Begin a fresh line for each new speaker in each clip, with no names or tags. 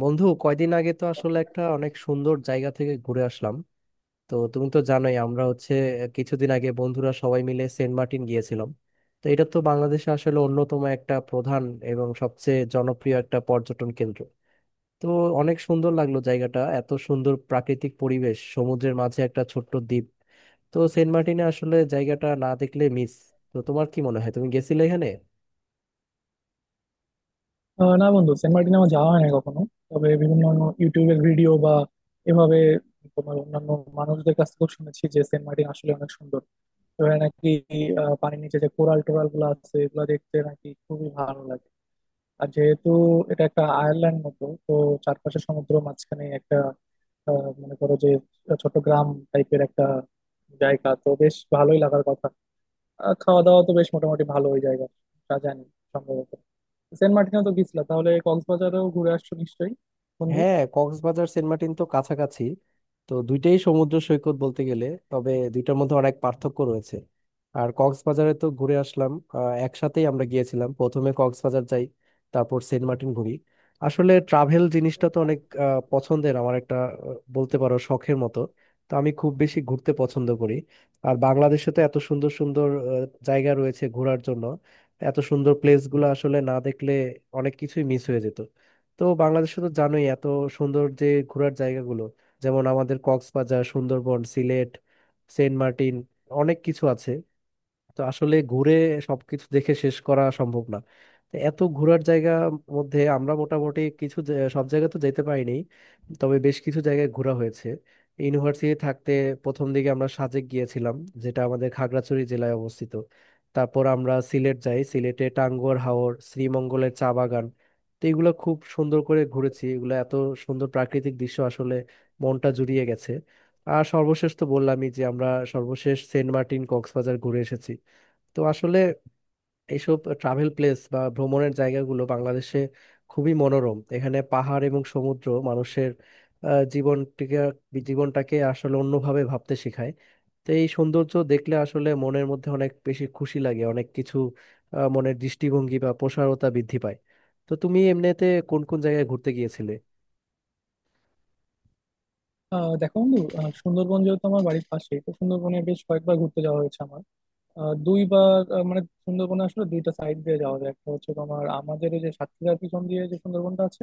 বন্ধু কয়দিন আগে তো আসলে একটা অনেক সুন্দর জায়গা থেকে ঘুরে আসলাম। তো তুমি তো জানোই আমরা হচ্ছে কিছুদিন আগে বন্ধুরা সবাই মিলে সেন্ট মার্টিন গিয়েছিলাম। তো এটা তো বাংলাদেশে আসলে অন্যতম একটা প্রধান এবং সবচেয়ে জনপ্রিয় একটা পর্যটন কেন্দ্র। তো অনেক সুন্দর লাগলো জায়গাটা, এত সুন্দর প্রাকৃতিক পরিবেশ, সমুদ্রের মাঝে একটা ছোট্ট দ্বীপ। তো সেন্ট মার্টিনে আসলে জায়গাটা না দেখলে মিস। তো তোমার কি মনে হয়, তুমি গেছিলে এখানে?
না বন্ধু, সেন্ট মার্টিন আমার যাওয়া হয় না কখনো। তবে বিভিন্ন ইউটিউবের ভিডিও বা এভাবে তোমার অন্যান্য মানুষদের কাছ থেকেও শুনেছি যে সেন্ট মার্টিন আসলে অনেক সুন্দর। ওখানে নাকি পানির নিচে যে কোরাল টোরাল গুলো আছে এগুলো দেখতে নাকি খুবই ভালো লাগে। আর যেহেতু এটা একটা আয়ারল্যান্ড মতো, তো চারপাশে সমুদ্র, মাঝখানে একটা, মনে করো যে ছোট গ্রাম টাইপের একটা জায়গা, তো বেশ ভালোই লাগার কথা। আর খাওয়া দাওয়া তো বেশ মোটামুটি ভালো ওই জায়গা, তা জানি সম্ভবত। সেন্ট মার্টিনেও তো গেছিলা, তাহলে কক্সবাজারেও ঘুরে আসছো নিশ্চয়ই বন্ধু।
হ্যাঁ, কক্সবাজার সেন্ট মার্টিন তো কাছাকাছি। তো দুইটাই সমুদ্র সৈকত বলতে গেলে, তবে দুইটার মধ্যে অনেক পার্থক্য রয়েছে। আর কক্সবাজারে তো ঘুরে আসলাম, একসাথেই আমরা গিয়েছিলাম, প্রথমে কক্সবাজার যাই, তারপর সেন্ট মার্টিন ঘুরি। আসলে ট্রাভেল জিনিসটা তো অনেক পছন্দের আমার, একটা বলতে পারো শখের মতো। তো আমি খুব বেশি ঘুরতে পছন্দ করি। আর বাংলাদেশে তো এত সুন্দর সুন্দর জায়গা রয়েছে ঘোরার জন্য। এত সুন্দর প্লেসগুলো আসলে না দেখলে অনেক কিছুই মিস হয়ে যেত। তো বাংলাদেশে তো জানোই এত সুন্দর যে ঘোরার জায়গাগুলো, যেমন আমাদের কক্সবাজার, সুন্দরবন, সিলেট, সেন্ট মার্টিন, অনেক কিছু আছে। তো আসলে ঘুরে সবকিছু দেখে শেষ করা সম্ভব না। তো এত ঘোরার জায়গা মধ্যে আমরা মোটামুটি কিছু সব জায়গা তো যেতে পারিনি, তবে বেশ কিছু জায়গায় ঘোরা হয়েছে। ইউনিভার্সিটি থাকতে প্রথম দিকে আমরা সাজেক গিয়েছিলাম, যেটা আমাদের খাগড়াছড়ি জেলায় অবস্থিত। তারপর আমরা সিলেট যাই, সিলেটে টাঙ্গুয়ার হাওর, শ্রীমঙ্গলের চা বাগান, তো এগুলো খুব সুন্দর করে ঘুরেছি। এগুলো এত সুন্দর প্রাকৃতিক দৃশ্য, আসলে মনটা জুড়িয়ে গেছে। আর সর্বশেষ তো বললামই যে আমরা সর্বশেষ সেন্ট মার্টিন কক্সবাজার ঘুরে এসেছি। তো আসলে এইসব ট্রাভেল প্লেস বা ভ্রমণের জায়গাগুলো বাংলাদেশে খুবই মনোরম, এখানে পাহাড় এবং সমুদ্র মানুষের আহ, জীবনটিকে জীবনটাকে আসলে অন্যভাবে ভাবতে শেখায়। তো এই সৌন্দর্য দেখলে আসলে মনের মধ্যে অনেক বেশি খুশি লাগে, অনেক কিছু মনের দৃষ্টিভঙ্গি বা প্রসারতা বৃদ্ধি পায়। তো তুমি এমনিতে কোন কোন জায়গায় ঘুরতে গিয়েছিলে?
দেখো বন্ধু, সুন্দরবন যেহেতু আমার বাড়ির পাশে, তো সুন্দরবনে বেশ কয়েকবার ঘুরতে যাওয়া হয়েছে আমার। দুইবার, মানে সুন্দরবনে আসলে দুইটা সাইড দিয়ে যাওয়া যায়। একটা হচ্ছে তোমার আমাদের এই যে সাতক্ষীরার পিছন দিয়ে যে সুন্দরবনটা আছে,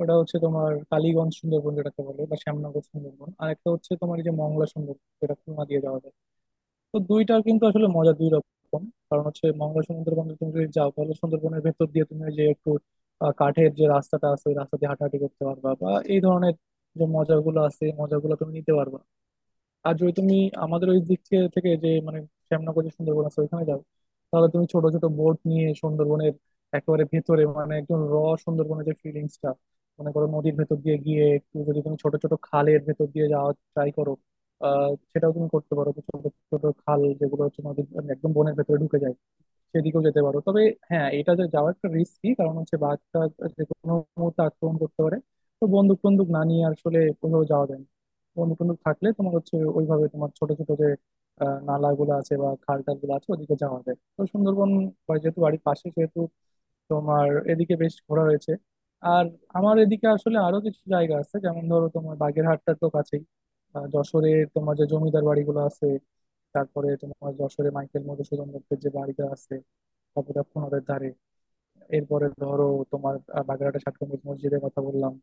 ওটা হচ্ছে তোমার কালীগঞ্জ সুন্দরবন যেটাকে বলে, বা শ্যামনগর সুন্দরবন। আর একটা হচ্ছে তোমার এই যে মংলা সুন্দরবন, যেটা খুলনা দিয়ে যাওয়া যায়। তো দুইটা কিন্তু আসলে মজা দুই রকম। কারণ হচ্ছে, মঙ্গল সুন্দরবনে তুমি যদি যাও তাহলে সুন্দরবনের ভেতর দিয়ে তুমি ওই যে একটু কাঠের যে রাস্তাটা আছে ওই রাস্তা দিয়ে হাঁটাহাঁটি করতে পারবা, বা এই ধরনের যে মজাগুলো আছে এই মজাগুলো তুমি নিতে পারবা। আর যদি তুমি আমাদের ওই দিক থেকে, যে মানে শ্যামনগর যে সুন্দরবন আছে ওইখানে যাও, তাহলে তুমি ছোট ছোট বোট নিয়ে সুন্দরবনের একেবারে ভেতরে, মানে একদম সুন্দরবনের যে ফিলিংসটা, মনে করো নদীর ভেতর দিয়ে গিয়ে একটু যদি তুমি ছোট ছোট খালের ভেতর দিয়ে যাওয়া ট্রাই করো, সেটাও তুমি করতে পারো। তো ছোট ছোট খাল যেগুলো হচ্ছে নদীর একদম বনের ভেতরে ঢুকে যায়, সেদিকেও যেতে পারো। তবে হ্যাঁ, এটা যে যাওয়া একটা রিস্কি, কারণ হচ্ছে বাঘটা যে কোনো মুহূর্তে আক্রমণ করতে পারে। তো বন্দুক টন্দুক না নিয়ে আসলে কোথাও যাওয়া যায় না। বন্দুক টন্দুক থাকলে তোমার হচ্ছে ওইভাবে তোমার ছোট ছোট যে নালাগুলো আছে বা খাল টাল গুলো আছে, ওদিকে যাওয়া যায়। তো সুন্দরবন, বা যেহেতু বাড়ির পাশে সেহেতু তোমার এদিকে বেশ ঘোরা হয়েছে। আর আমার এদিকে আসলে আরো কিছু জায়গা আছে, যেমন ধরো তোমার বাগেরহাটটা তো কাছেই। যশোরে তোমার যে জমিদার বাড়িগুলো আছে, তারপরে তোমার যশোরে মাইকেল মধুসূদন দত্তের যে বাড়িটা আছে, তারপরে ধারে, এরপরে ধরো তোমার বাগেরহাটে ষাট গম্বুজ মসজিদের কথা বললাম,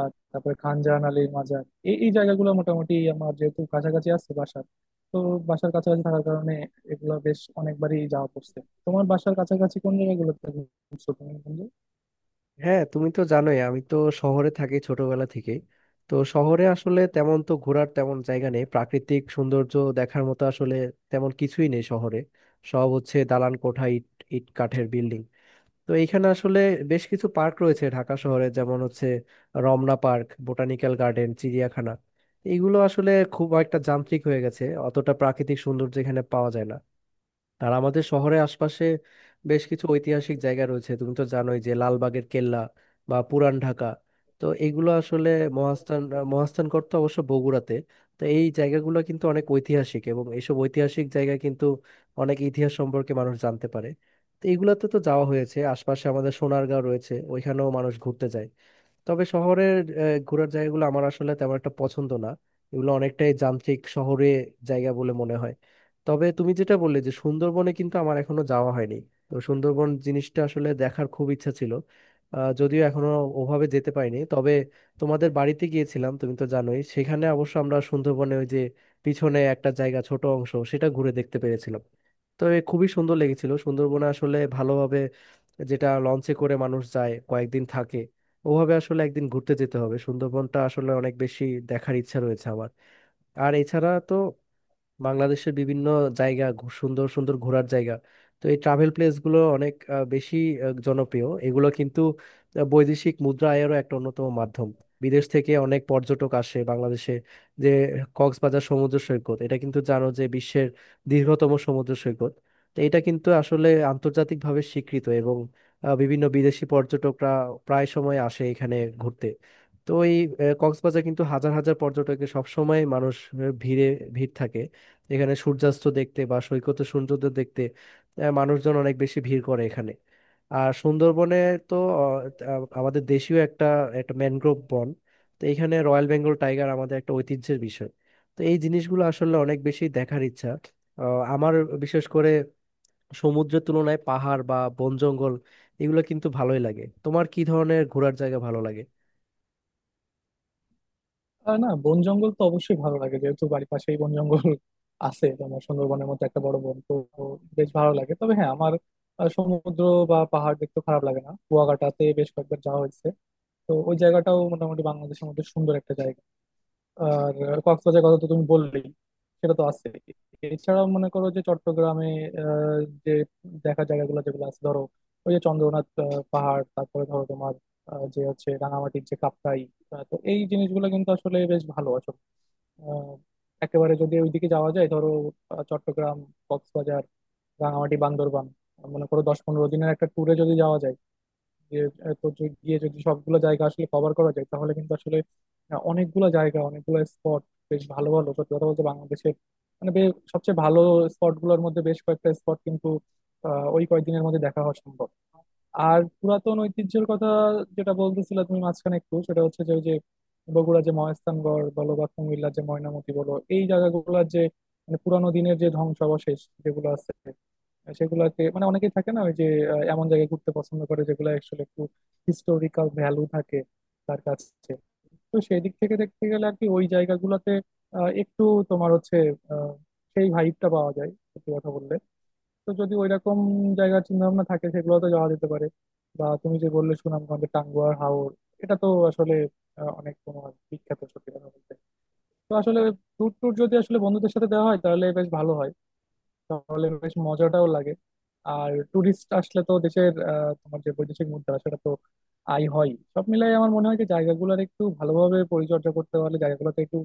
আর তারপরে খান জাহান আলীর মাজার। এই এই জায়গাগুলো মোটামুটি আমার যেহেতু কাছাকাছি আছে বাসার, তো বাসার কাছাকাছি থাকার কারণে এগুলো বেশ অনেকবারই যাওয়া পড়ছে। তোমার বাসার কাছাকাছি কোন জায়গাগুলোতে ঘুরছো তুমি বন্ধু?
হ্যাঁ, তুমি তো জানোই আমি তো শহরে থাকি ছোটবেলা থেকে। তো শহরে আসলে তেমন তো ঘোরার তেমন জায়গা নেই, প্রাকৃতিক সৌন্দর্য দেখার মতো আসলে তেমন কিছুই নেই শহরে। সব হচ্ছে দালান কোঠা, ইট ইট কাঠের বিল্ডিং। তো এইখানে আসলে বেশ কিছু পার্ক রয়েছে ঢাকা শহরে, যেমন হচ্ছে রমনা পার্ক, বোটানিক্যাল গার্ডেন, চিড়িয়াখানা। এগুলো আসলে খুব একটা যান্ত্রিক হয়ে গেছে, অতটা প্রাকৃতিক সৌন্দর্য এখানে পাওয়া যায় না। আর আমাদের শহরের আশপাশে বেশ কিছু ঐতিহাসিক জায়গা রয়েছে, তুমি তো জানোই যে লালবাগের কেল্লা বা পুরান ঢাকা। তো এগুলো আসলে মহাস্থান, মহাস্থানগড় তো অবশ্য বগুড়াতে। তো এই জায়গাগুলো কিন্তু অনেক ঐতিহাসিক, এবং এইসব ঐতিহাসিক জায়গা কিন্তু অনেক ইতিহাস সম্পর্কে মানুষ জানতে পারে। তো এগুলাতে তো যাওয়া হয়েছে, আশপাশে আমাদের সোনারগাঁও রয়েছে, ওইখানেও মানুষ ঘুরতে যায়। তবে শহরের ঘোরার জায়গাগুলো আমার আসলে তেমন একটা পছন্দ না, এগুলো অনেকটাই যান্ত্রিক শহরে জায়গা বলে মনে হয়। তবে তুমি যেটা বললে যে সুন্দরবনে কিন্তু আমার এখনো যাওয়া হয়নি। তো সুন্দরবন জিনিসটা আসলে দেখার খুব ইচ্ছা ছিল, যদিও এখনো ওভাবে যেতে পারিনি। তবে তোমাদের বাড়িতে গিয়েছিলাম, তুমি তো জানোই সেখানে অবশ্য আমরা সুন্দরবনে ওই যে পিছনে একটা জায়গা, ছোট অংশ, সেটা ঘুরে দেখতে পেরেছিলাম। তো এ খুবই সুন্দর লেগেছিল। সুন্দরবনে আসলে যেটা লঞ্চে করে মানুষ যায়, কয়েকদিন থাকে, ওভাবে আসলে একদিন ঘুরতে যেতে হবে। সুন্দরবনটা আসলে অনেক বেশি দেখার ইচ্ছা রয়েছে আমার। আর এছাড়া তো বাংলাদেশের বিভিন্ন জায়গা সুন্দর সুন্দর ঘোরার জায়গা। তো এই ট্রাভেল প্লেসগুলো অনেক বেশি জনপ্রিয়। এগুলো কিন্তু বৈদেশিক মুদ্রা আয়েরও একটা অন্যতম মাধ্যম, বিদেশ থেকে অনেক পর্যটক আসে বাংলাদেশে। যে কক্সবাজার সমুদ্র সৈকত এটা কিন্তু জানো যে বিশ্বের দীর্ঘতম সমুদ্র সৈকত। তো এটা কিন্তু আসলে আন্তর্জাতিকভাবে স্বীকৃত, এবং বিভিন্ন বিদেশি পর্যটকরা প্রায় সময় আসে এখানে ঘুরতে। তো এই কক্সবাজার কিন্তু হাজার হাজার পর্যটকের, সবসময় মানুষ আহ, ভিড়ে ভিড় থাকে। এখানে সূর্যাস্ত দেখতে বা সৈকতে সূর্যোদয় দেখতে মানুষজন অনেক বেশি ভিড় করে এখানে। আর সুন্দরবনে তো আহ, আহ, আমাদের দেশীয় একটা একটা ম্যানগ্রোভ বন। তো এখানে রয়্যাল বেঙ্গল টাইগার আমাদের একটা ঐতিহ্যের বিষয়। তো এই জিনিসগুলো আসলে অনেক বেশি দেখার ইচ্ছা আহ, আমার। বিশেষ করে সমুদ্রের তুলনায় পাহাড় বা বন জঙ্গল, এগুলো কিন্তু ভালোই লাগে। তোমার কি ধরনের ঘোরার জায়গা ভালো লাগে?
না, বন জঙ্গল তো অবশ্যই ভালো লাগে, যেহেতু বাড়ির পাশেই বন জঙ্গল আছে। তোমার সুন্দরবনের মতো একটা বড় বন তো বেশ ভালো লাগে। তবে হ্যাঁ, আমার সমুদ্র বা পাহাড় দেখতে খারাপ লাগে না। কুয়াকাটাতে বেশ কয়েকবার যাওয়া হয়েছে, তো ওই জায়গাটাও মোটামুটি বাংলাদেশের মধ্যে সুন্দর একটা জায়গা। আর কক্সবাজারের কথা তো তুমি বললেই, সেটা তো আছে। এছাড়াও মনে করো যে চট্টগ্রামে আহ, যে দেখা জায়গাগুলো যেগুলো আছে, ধরো ওই যে চন্দ্রনাথ পাহাড়, তারপরে ধরো তোমার যে হচ্ছে রাঙামাটির যে কাপ্তাই, তো এই জিনিসগুলো কিন্তু আসলে বেশ ভালো আসলে। আহ, একেবারে যদি ওইদিকে যাওয়া যায়, ধরো চট্টগ্রাম, কক্সবাজার, রাঙামাটি, বান্দরবান, মনে করো 10-15 দিনের একটা ট্যুরে যদি যাওয়া যায়, যে এত গিয়ে যদি সবগুলো জায়গা আসলে কভার করা যায়, তাহলে কিন্তু আসলে অনেকগুলো জায়গা, অনেকগুলো স্পট, বেশ ভালো ভালো, সত্যি কথা বলতে বাংলাদেশের মানে সবচেয়ে ভালো স্পট গুলোর মধ্যে বেশ কয়েকটা স্পট কিন্তু ওই কয়েকদিনের মধ্যে দেখা হওয়া সম্ভব। আর পুরাতন ঐতিহ্যের কথা যেটা বলতেছিলে তুমি মাঝখানে একটু, সেটা হচ্ছে যে ওই যে বগুড়া যে মহাস্থানগড় বলো বা কুমিল্লার যে ময়নামতি বলো, এই জায়গাগুলোর যে মানে পুরানো দিনের যে ধ্বংসাবশেষ যেগুলো আছে সেগুলাকে, মানে অনেকেই থাকে না, ওই যে এমন জায়গায় ঘুরতে পছন্দ করে যেগুলো অ্যাকচুয়ালি একটু হিস্টোরিক্যাল ভ্যালু থাকে তার কাছে। তো সেই দিক থেকে দেখতে গেলে আর কি, ওই জায়গাগুলোতে একটু তোমার হচ্ছে আহ, সেই ভাইবটা পাওয়া যায় সত্যি কথা বললে। তো যদি ওইরকম জায়গার চিন্তা ভাবনা থাকে সেগুলোতে যাওয়া যেতে পারে। বা তুমি যে বললে সুনামগঞ্জের টাঙ্গুয়ার হাওর, এটা তো আসলে অনেক তোমার বিখ্যাত সত্যি কথা বলতে। তো আসলে ট্যুর ট্যুর যদি আসলে বন্ধুদের সাথে দেওয়া হয় তাহলে বেশ ভালো হয়, তাহলে বেশ মজাটাও লাগে। আর ট্যুরিস্ট আসলে তো দেশের তোমার যে বৈদেশিক মুদ্রা সেটা তো আয় হয়। সব মিলাই আমার মনে হয় যে জায়গাগুলোর একটু ভালোভাবে পরিচর্যা করতে পারলে, জায়গাগুলোতে একটু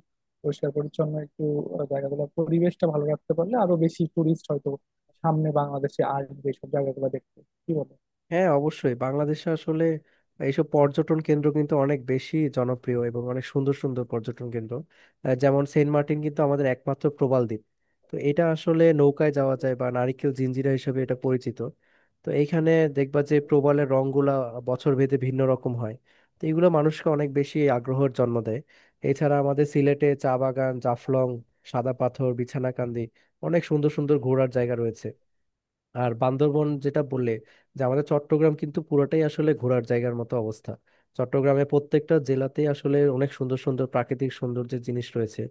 পরিষ্কার পরিচ্ছন্ন একটু জায়গাগুলোর পরিবেশটা ভালো রাখতে পারলে, আরো বেশি ট্যুরিস্ট হয়তো সামনে বাংলাদেশে আসবে সব জায়গাগুলো দেখতে, কি বলো?
হ্যাঁ, অবশ্যই, বাংলাদেশে আসলে এইসব পর্যটন কেন্দ্র কিন্তু অনেক বেশি জনপ্রিয় এবং অনেক সুন্দর সুন্দর পর্যটন কেন্দ্র। যেমন সেন্ট মার্টিন কিন্তু আমাদের একমাত্র প্রবাল দ্বীপ। তো এটা আসলে নৌকায় যাওয়া যায়, বা নারিকেল জিঞ্জিরা হিসেবে এটা পরিচিত। তো এইখানে দেখবা যে প্রবালের রংগুলা বছর ভেদে ভিন্ন রকম হয়। তো এগুলো মানুষকে অনেক বেশি আগ্রহের জন্ম দেয়। এছাড়া আমাদের সিলেটে চা বাগান, জাফলং, সাদা পাথর, বিছানাকান্দি, অনেক সুন্দর সুন্দর ঘোরার জায়গা রয়েছে। আর বান্দরবন যেটা বললে, যে আমাদের চট্টগ্রাম কিন্তু পুরোটাই আসলে ঘোরার জায়গার মতো অবস্থা। চট্টগ্রামে প্রত্যেকটা জেলাতেই আসলে অনেক সুন্দর সুন্দর প্রাকৃতিক সৌন্দর্যের জিনিস রয়েছে,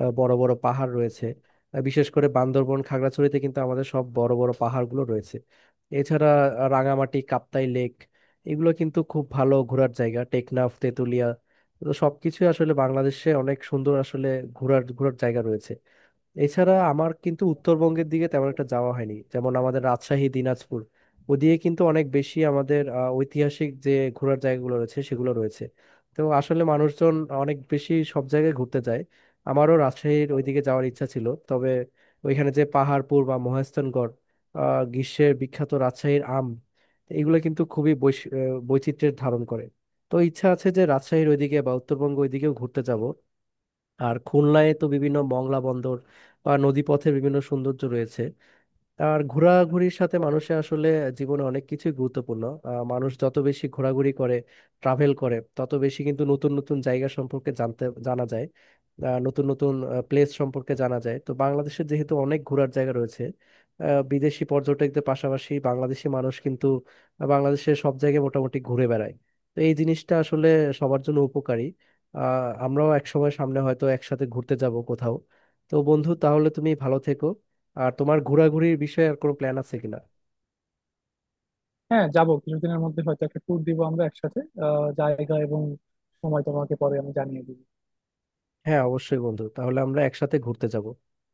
বড় বড় পাহাড় রয়েছে। বিশেষ করে বান্দরবন খাগড়াছড়িতে কিন্তু আমাদের সব বড় বড় পাহাড়গুলো রয়েছে। এছাড়া রাঙামাটি, কাপ্তাই লেক, এগুলো কিন্তু খুব ভালো ঘোরার জায়গা, টেকনাফ, তেঁতুলিয়া। তো সবকিছু আসলে বাংলাদেশে অনেক সুন্দর আসলে ঘোরার ঘোরার জায়গা রয়েছে। এছাড়া আমার কিন্তু উত্তরবঙ্গের দিকে তেমন একটা যাওয়া হয়নি, যেমন আমাদের রাজশাহী, দিনাজপুর। ওদিকে কিন্তু অনেক বেশি আমাদের ঐতিহাসিক যে ঘোরার জায়গাগুলো রয়েছে সেগুলো রয়েছে। তো আসলে মানুষজন অনেক বেশি সব জায়গায় ঘুরতে যায়। আমারও রাজশাহীর ওইদিকে যাওয়ার ইচ্ছা ছিল, তবে ওইখানে যে পাহাড়পুর বা মহেস্থানগড়, আহ, গ্রীষ্মের বিখ্যাত রাজশাহীর আম, এগুলো কিন্তু খুবই বৈচিত্র্যের ধারণ করে। তো ইচ্ছা আছে যে রাজশাহীর ওইদিকে বা উত্তরবঙ্গ ওইদিকেও ঘুরতে যাব। আর খুলনায় তো বিভিন্ন মংলা বন্দর বা নদীপথের বিভিন্ন সৌন্দর্য রয়েছে। আর ঘোরাঘুরির সাথে মানুষের আসলে জীবনে অনেক কিছুই গুরুত্বপূর্ণ। মানুষ যত বেশি ঘোরাঘুরি করে, ট্রাভেল করে, তত বেশি কিন্তু নতুন নতুন জায়গা সম্পর্কে জানতে জানা যায়, নতুন নতুন প্লেস সম্পর্কে জানা যায়। তো বাংলাদেশের যেহেতু অনেক ঘোরার জায়গা রয়েছে, বিদেশি পর্যটকদের পাশাপাশি বাংলাদেশি মানুষ কিন্তু বাংলাদেশের সব জায়গায় মোটামুটি ঘুরে বেড়ায়। তো এই জিনিসটা আসলে সবার জন্য উপকারী। আহ, আমরাও এক সময় সামনে হয়তো একসাথে ঘুরতে যাব কোথাও। তো বন্ধু, তাহলে তুমি ভালো থেকো। আর তোমার ঘোরাঘুরির বিষয়ে আর কোনো প্ল্যান আছে কিনা?
হ্যাঁ যাবো, কিছুদিনের মধ্যে হয়তো একটা ট্যুর দিব আমরা একসাথে। জায়গা এবং সময় তোমাকে পরে আমি জানিয়ে দিব।
হ্যাঁ, অবশ্যই বন্ধু, তাহলে আমরা একসাথে ঘুরতে যাব।